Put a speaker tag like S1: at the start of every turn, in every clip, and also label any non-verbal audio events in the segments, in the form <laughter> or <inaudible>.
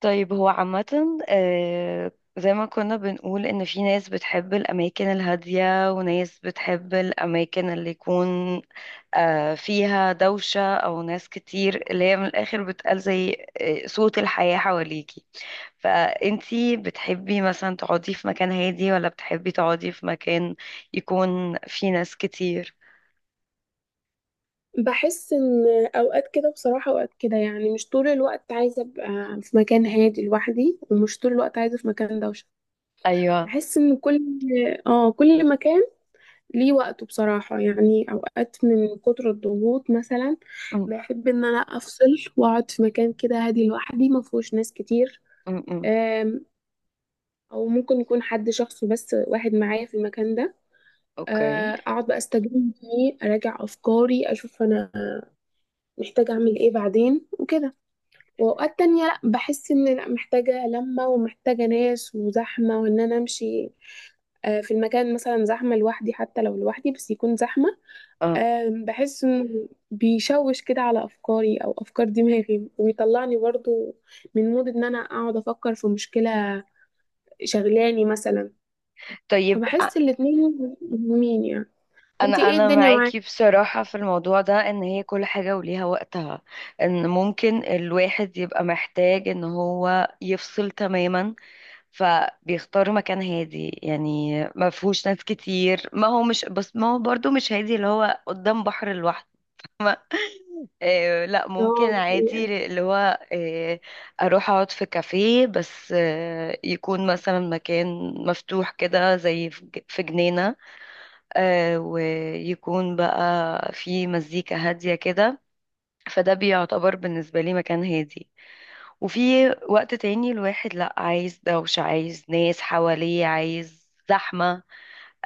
S1: طيب، هو عامة زي ما كنا بنقول إن في ناس بتحب الأماكن الهادية وناس بتحب الأماكن اللي يكون فيها دوشة، أو ناس كتير اللي هي من الآخر بتقال زي صوت الحياة حواليكي. فأنتي بتحبي مثلا تقعدي في مكان هادي، ولا بتحبي تقعدي في مكان يكون فيه ناس كتير؟
S2: بحس ان اوقات كده بصراحة، اوقات كده يعني مش طول الوقت عايزة ابقى في مكان هادي لوحدي، ومش طول الوقت عايزة في مكان دوشة.
S1: أيوة.
S2: بحس ان كل اه كل مكان ليه وقته بصراحة. يعني اوقات من كتر الضغوط مثلا
S1: م
S2: بحب ان انا افصل واقعد في مكان كده هادي لوحدي ما فيهوش ناس كتير.
S1: -م.
S2: آم، او ممكن يكون حد شخص بس واحد معايا في المكان ده.
S1: أوكي.
S2: اقعد بقى استجم فيه، اراجع افكاري، اشوف انا محتاجة اعمل ايه بعدين وكده. واوقات تانية لا، بحس ان لا، محتاجة لمة ومحتاجة ناس وزحمة وان انا امشي في المكان مثلا زحمة لوحدي، حتى لو لوحدي بس يكون زحمة.
S1: اه،
S2: بحس انه بيشوش كده على افكاري او افكار دماغي، ويطلعني برضو من مود ان انا اقعد افكر في مشكلة شغلاني مثلا.
S1: طيب
S2: فبحس الاتنين مهمين يعني. وانتي
S1: انا
S2: ايه
S1: انا
S2: الدنيا معاكي؟
S1: معاكي بصراحة في الموضوع ده، ان هي كل حاجة وليها وقتها، ان ممكن الواحد يبقى محتاج ان هو يفصل تماما، فبيختار مكان هادي يعني ما فيهوش ناس كتير. ما هو مش بس، ما هو برضو مش هادي اللي هو قدام بحر لوحده. لا، ممكن
S2: اه
S1: عادي
S2: الحقيقة.
S1: اللي هو، آه اروح اقعد في كافيه، بس يكون مثلا مكان مفتوح كده، زي في في جنينة، ويكون بقى في مزيكا هادية كده، فده بيعتبر بالنسبة لي مكان هادي. وفي وقت تاني الواحد لأ، عايز دوشة، عايز ناس حواليه، عايز زحمة.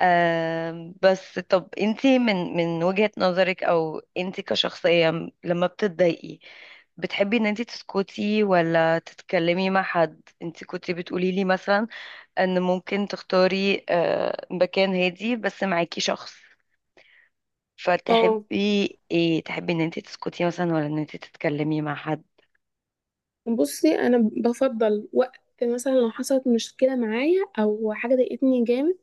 S1: بس طب انتي، من وجهة نظرك، او انتي كشخصية لما بتتضايقي، بتحبي ان انتي تسكتي ولا تتكلمي مع حد؟ انتي كنتي بتقولي لي مثلا ان ممكن تختاري مكان هادي بس معاكي شخص،
S2: اه
S1: فتحبي ايه؟ تحبي ان انت تسكتي مثلا ولا ان انت تتكلمي مع حد؟
S2: بصي، انا بفضل وقت مثلا لو حصلت مشكله معايا او حاجه ضايقتني جامد،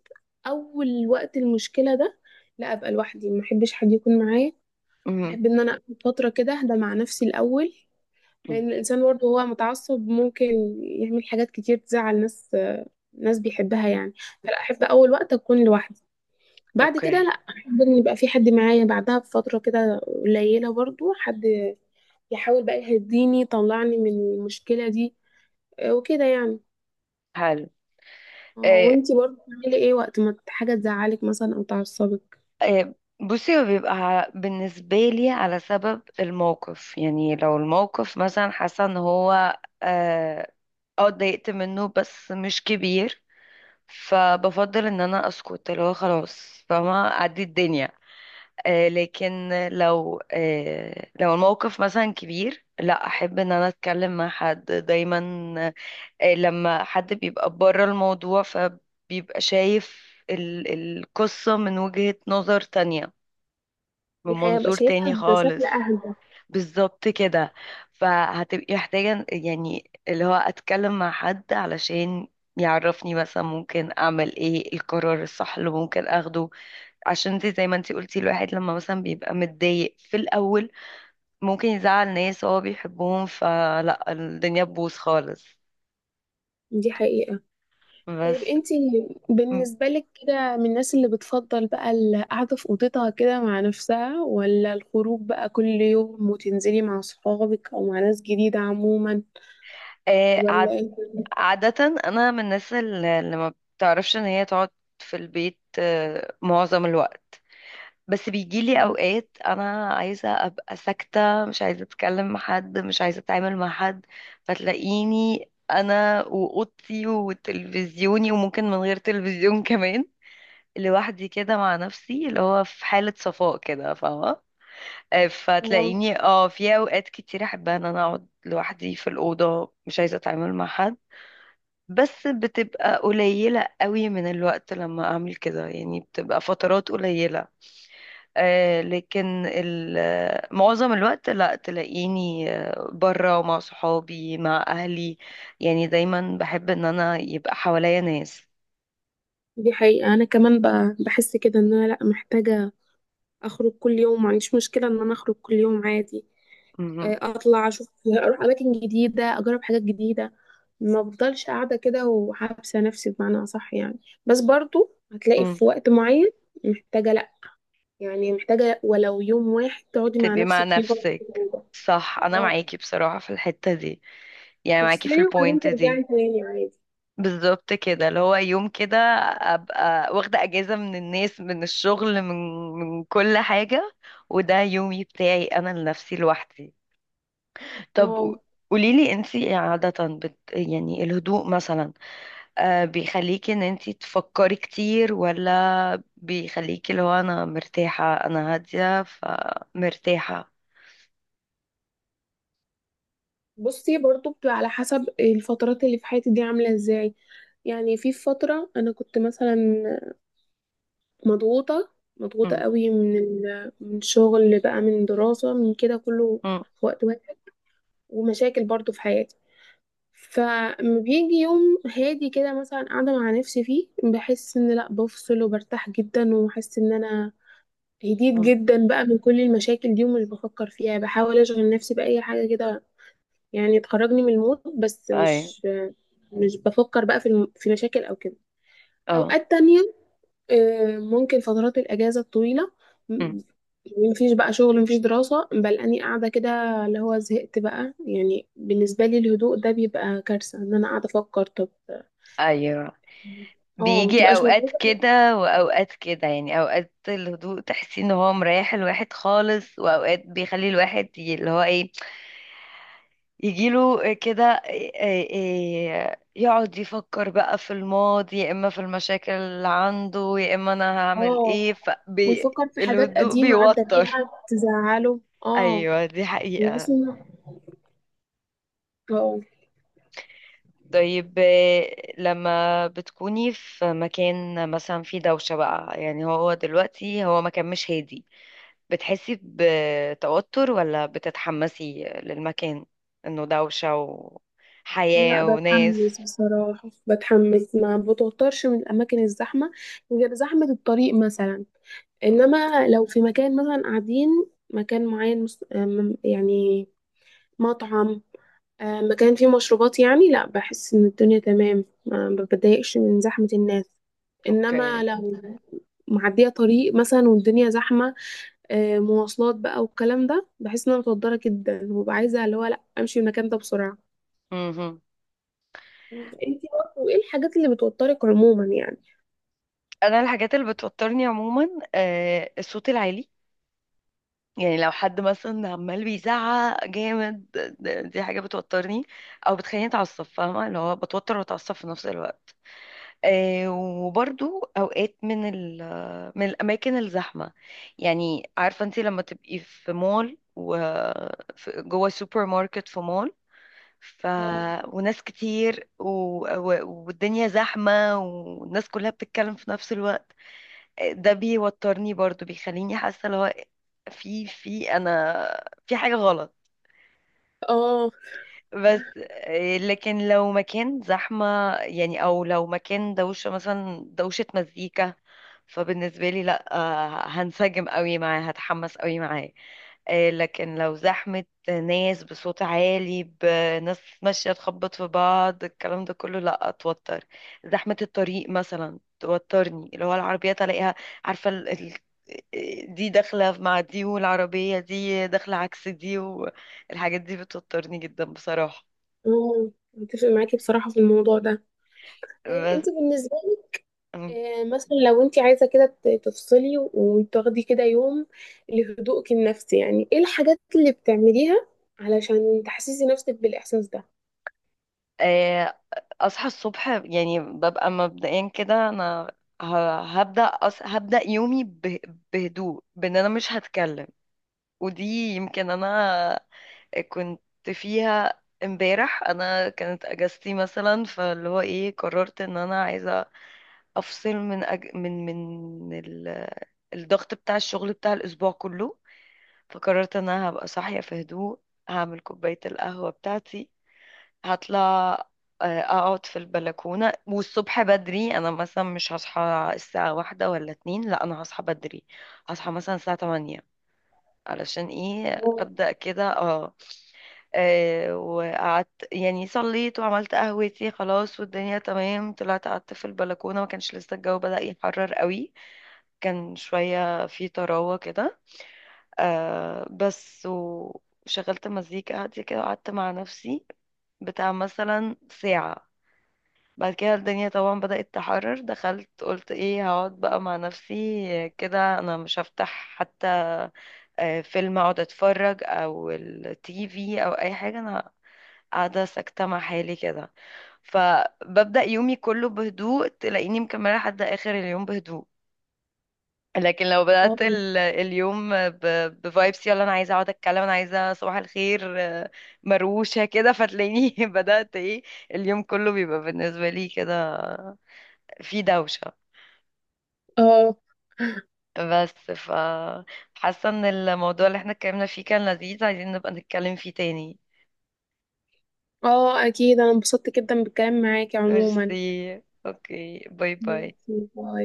S2: اول وقت المشكله ده لا ابقى لوحدي، ما احبش حد يكون معايا.
S1: مهم.
S2: بحب ان انا اخد فتره كده اهدى مع نفسي الاول،
S1: مم.
S2: لان الانسان برضه هو متعصب ممكن يعمل حاجات كتير تزعل ناس، ناس بيحبها يعني. فلا، احب اول وقت اكون لوحدي. بعد كده
S1: اوكي.
S2: لا، احب ان يبقى في حد معايا، بعدها بفتره كده قليله برضه حد يحاول بقى يهديني يطلعني من المشكله دي وكده يعني.
S1: حلو. إيه،
S2: وانتي برضه بتعملي ايه وقت ما حاجة تزعلك مثلا او تعصبك؟
S1: إيه، بصي، هو بيبقى بالنسبة لي على سبب الموقف. يعني لو الموقف مثلا حاسة ان هو اتضايقت منه بس مش كبير، فبفضل ان انا اسكت اللي هو خلاص، فما اعدي الدنيا. لكن لو الموقف مثلا كبير، لا، احب ان انا اتكلم مع حد دايما. لما حد بيبقى بره الموضوع فبيبقى شايف القصة من وجهة نظر تانية، من
S2: دي حقيقة بقى
S1: منظور تاني
S2: شايفها بشكل
S1: خالص.
S2: اهدى.
S1: بالظبط كده. فهتبقي محتاجة يعني اللي هو أتكلم مع حد علشان يعرفني مثلا ممكن أعمل إيه، القرار الصح اللي ممكن أخده. عشان انت زي ما انت قلتي، الواحد لما مثلا بيبقى متضايق في الأول ممكن يزعل ناس هو بيحبهم، فلا الدنيا تبوظ خالص.
S2: دي حقيقة. طيب
S1: بس.
S2: انتي بالنسبة لك كده، من الناس اللي بتفضل بقى القعدة في اوضتها كده مع نفسها، ولا الخروج بقى كل يوم وتنزلي مع صحابك او مع ناس جديدة عموما؟
S1: آه، عاد
S2: ولا انت؟
S1: عادة أنا من الناس اللي ما بتعرفش إن هي تقعد في البيت معظم الوقت. بس بيجيلي أوقات أنا عايزة أبقى ساكتة، مش عايزة أتكلم مع حد، مش عايزة أتعامل مع حد، فتلاقيني أنا وأوضتي وتلفزيوني، وممكن من غير تلفزيون <laughs> كمان، لوحدي كده مع نفسي اللي هو في حالة صفاء كده، فاهمة؟
S2: اه
S1: فتلاقيني في أوقات كتير أحبها إن أنا أقعد لوحدي في الأوضة، مش عايزة أتعامل مع حد. بس بتبقى قليلة قوي من الوقت لما أعمل كده، يعني بتبقى فترات قليلة. لكن معظم الوقت لا، تلاقيني برا، ومع صحابي، مع أهلي، يعني دايما بحب إن أنا يبقى حواليا ناس.
S2: دي حقيقة. أنا كمان بقى بحس كده إن أنا لأ، محتاجة أخرج كل يوم، معنديش مشكلة إن أنا أخرج كل يوم عادي.
S1: مهم.
S2: اطلع اشوف، اروح اماكن جديده، اجرب حاجات جديده، ما بفضلش قاعده كده وحابسه نفسي بمعنى اصح يعني. بس برضو هتلاقي
S1: مم.
S2: في وقت معين محتاجه، لا يعني محتاجه ولو يوم واحد تقعدي مع
S1: تبقي مع
S2: نفسك فيه برضو في
S1: نفسك،
S2: الأوضة.
S1: صح، أنا
S2: اه
S1: معاكي بصراحة في الحتة دي، يعني معاكي في
S2: تفصلي وبعدين
S1: البوينت
S2: ترجعي
S1: دي.
S2: تاني عادي.
S1: بالظبط كده، اللي هو يوم كده ابقى واخده اجازه من الناس، من الشغل، من كل حاجه، وده يومي بتاعي انا لنفسي لوحدي. طب
S2: اه
S1: قوليلي، انتي عاده يعني الهدوء مثلا بيخليكي ان انتي تفكري كتير، ولا بيخليكي اللي هو انا مرتاحه، انا هاديه فمرتاحه؟
S2: بصي، برضو بتبقى على حسب الفترات اللي في حياتي دي عامله ازاي. يعني في فتره انا كنت مثلا مضغوطة، مضغوطة
S1: امم
S2: قوي من من شغل بقى، من دراسة، من كده كله
S1: امم
S2: في وقت واحد، ومشاكل برضو في حياتي. فما بيجي يوم هادي كده مثلا قاعدة مع نفسي فيه بحس ان لا، بفصل وبرتاح جدا، وحاسة ان انا هديت جدا بقى من كل المشاكل دي، ومش بفكر فيها. بحاول اشغل نفسي بأي حاجة كده يعني تخرجني من المود، بس
S1: اي
S2: مش بفكر بقى في في مشاكل او كده.
S1: اه
S2: اوقات تانية ممكن فترات الأجازة الطويلة،
S1: مم.
S2: م- مفيش بقى شغل، مفيش دراسة، بل أني قاعدة كده اللي هو زهقت بقى. يعني بالنسبة لي الهدوء ده بيبقى كارثة إن أنا قاعدة أفكر. طب
S1: ايوه،
S2: اه
S1: بيجي
S2: مبتبقاش
S1: اوقات
S2: مبسوطة.
S1: كده واوقات كده، يعني اوقات الهدوء تحسي ان هو مريح الواحد خالص، واوقات بيخلي الواحد اللي هو ايه، يجيله كده يقعد يفكر بقى في الماضي، يا اما في المشاكل اللي عنده، يا اما انا هعمل
S2: اه
S1: ايه فبي.
S2: ويفكر في حاجات
S1: الهدوء
S2: قديمة عدى
S1: بيوتر.
S2: بيها تزعله. اه
S1: ايوه، دي حقيقة.
S2: بحس إن اه
S1: طيب إيه، لما بتكوني في مكان مثلا فيه دوشة بقى، يعني هو دلوقتي هو مكان مش هادي، بتحسي بتوتر ولا بتتحمسي للمكان انه دوشة،
S2: لا،
S1: وحياة،
S2: بتحمس
S1: وناس؟
S2: بصراحة، بتحمس، ما بتوترش من الأماكن الزحمة غير زحمة الطريق مثلا.
S1: مم.
S2: انما لو في مكان مثلا قاعدين مكان معين مس- آم، يعني مطعم، مكان فيه مشروبات، يعني لا، بحس ان الدنيا تمام، ما بتضايقش من زحمة الناس. انما
S1: اوكي.
S2: لو معدية طريق مثلا والدنيا زحمة مواصلات بقى والكلام ده، بحس ان انا متوترة جدا وببقى عايزة اللي هو لا، امشي من المكان ده بسرعة.
S1: مهم.
S2: انتي برضه ايه الحاجات اللي بتوترك عموما يعني؟
S1: انا الحاجات اللي بتوترني عموما الصوت العالي، يعني لو حد مثلا عمال بيزعق جامد، دي حاجة بتوترني، او بتخليني اتعصب، فاهمة اللي هو بتوتر واتعصب في نفس الوقت. وبرضو اوقات من الاماكن الزحمه. يعني عارفه انت لما تبقي في مول و جوه سوبر ماركت في مول، ف
S2: اه
S1: وناس كتير والدنيا زحمه، والناس كلها بتتكلم في نفس الوقت، ده بيوترني برضو، بيخليني حاسه اللي هو في انا في حاجه غلط.
S2: آه،
S1: بس. لكن لو مكان زحمة، يعني، أو لو مكان دوشة مثلا، دوشة مزيكا، فبالنسبة لي لأ، هنسجم قوي معاه، هتحمس قوي معاه. لكن لو زحمة ناس بصوت عالي، بناس ماشية تخبط في بعض، الكلام ده كله لأ، أتوتر. زحمة الطريق مثلا توترني، اللي هو العربيات ألاقيها، عارفة دي داخلة مع دي، والعربية دي داخلة عكس دي، الحاجات دي بتوترني جدا بصراحة.
S2: مم، متفق معاكي بصراحة في الموضوع ده. طيب
S1: بس.
S2: انتي بالنسبة،
S1: أم.
S2: مثلا لو انت عايزه كده تفصلي وتاخدي كده يوم لهدوءك النفسي، يعني ايه الحاجات اللي بتعمليها علشان تحسسي نفسك بالاحساس ده؟
S1: آه، أصحى الصبح، يعني ببقى مبدئيا كده أنا هبدأ هبدأ يومي بهدوء، بأن أنا مش هتكلم. ودي يمكن أنا كنت فيها امبارح، أنا كانت أجازتي مثلا، فاللي هو إيه، قررت إن أنا عايزة أفصل من الضغط بتاع الشغل، بتاع الأسبوع كله. فقررت ان انا هبقى صاحية في هدوء، هعمل كوباية القهوة بتاعتي، هطلع اقعد في البلكونة. والصبح بدري، انا مثلا مش هصحى الساعة 1 ولا 2، لا، انا هصحى بدري، هصحى مثلا الساعة 8، علشان ايه،
S2: اه
S1: ابدأ كده. وقعدت يعني، صليت وعملت قهوتي، خلاص والدنيا تمام، طلعت قعدت في البلكونة، ما كانش لسه الجو بدأ يحرر قوي، كان شوية في طراوة كده، بس وشغلت مزيكا هادية كده، وقعدت مع نفسي بتاع مثلا ساعة. بعد كده الدنيا طبعا بدأت تحرر، دخلت، قلت ايه، هقعد بقى مع نفسي كده، انا مش هفتح حتى فيلم اقعد اتفرج، او التي في، او اي حاجة، انا قاعدة ساكتة مع حالي كده. فببدأ يومي كله بهدوء، تلاقيني مكملة لحد آخر اليوم بهدوء. لكن لو
S2: اه
S1: بدأت اليوم بفايبس، يلا انا عايزه اقعد اتكلم، انا عايزه صباح الخير، مروشه كده، فتلاقيني <laughs> بدأت ايه، اليوم كله بيبقى بالنسبه لي كده في دوشه.
S2: اه
S1: بس، حاسه ان الموضوع اللي احنا اتكلمنا فيه كان لذيذ، عايزين نبقى نتكلم فيه تاني.
S2: اكيد انا انبسطت جدا بالكلام معاكي
S1: ميرسي،
S2: عموما.
S1: اوكي، باي باي.
S2: ماشي، باي.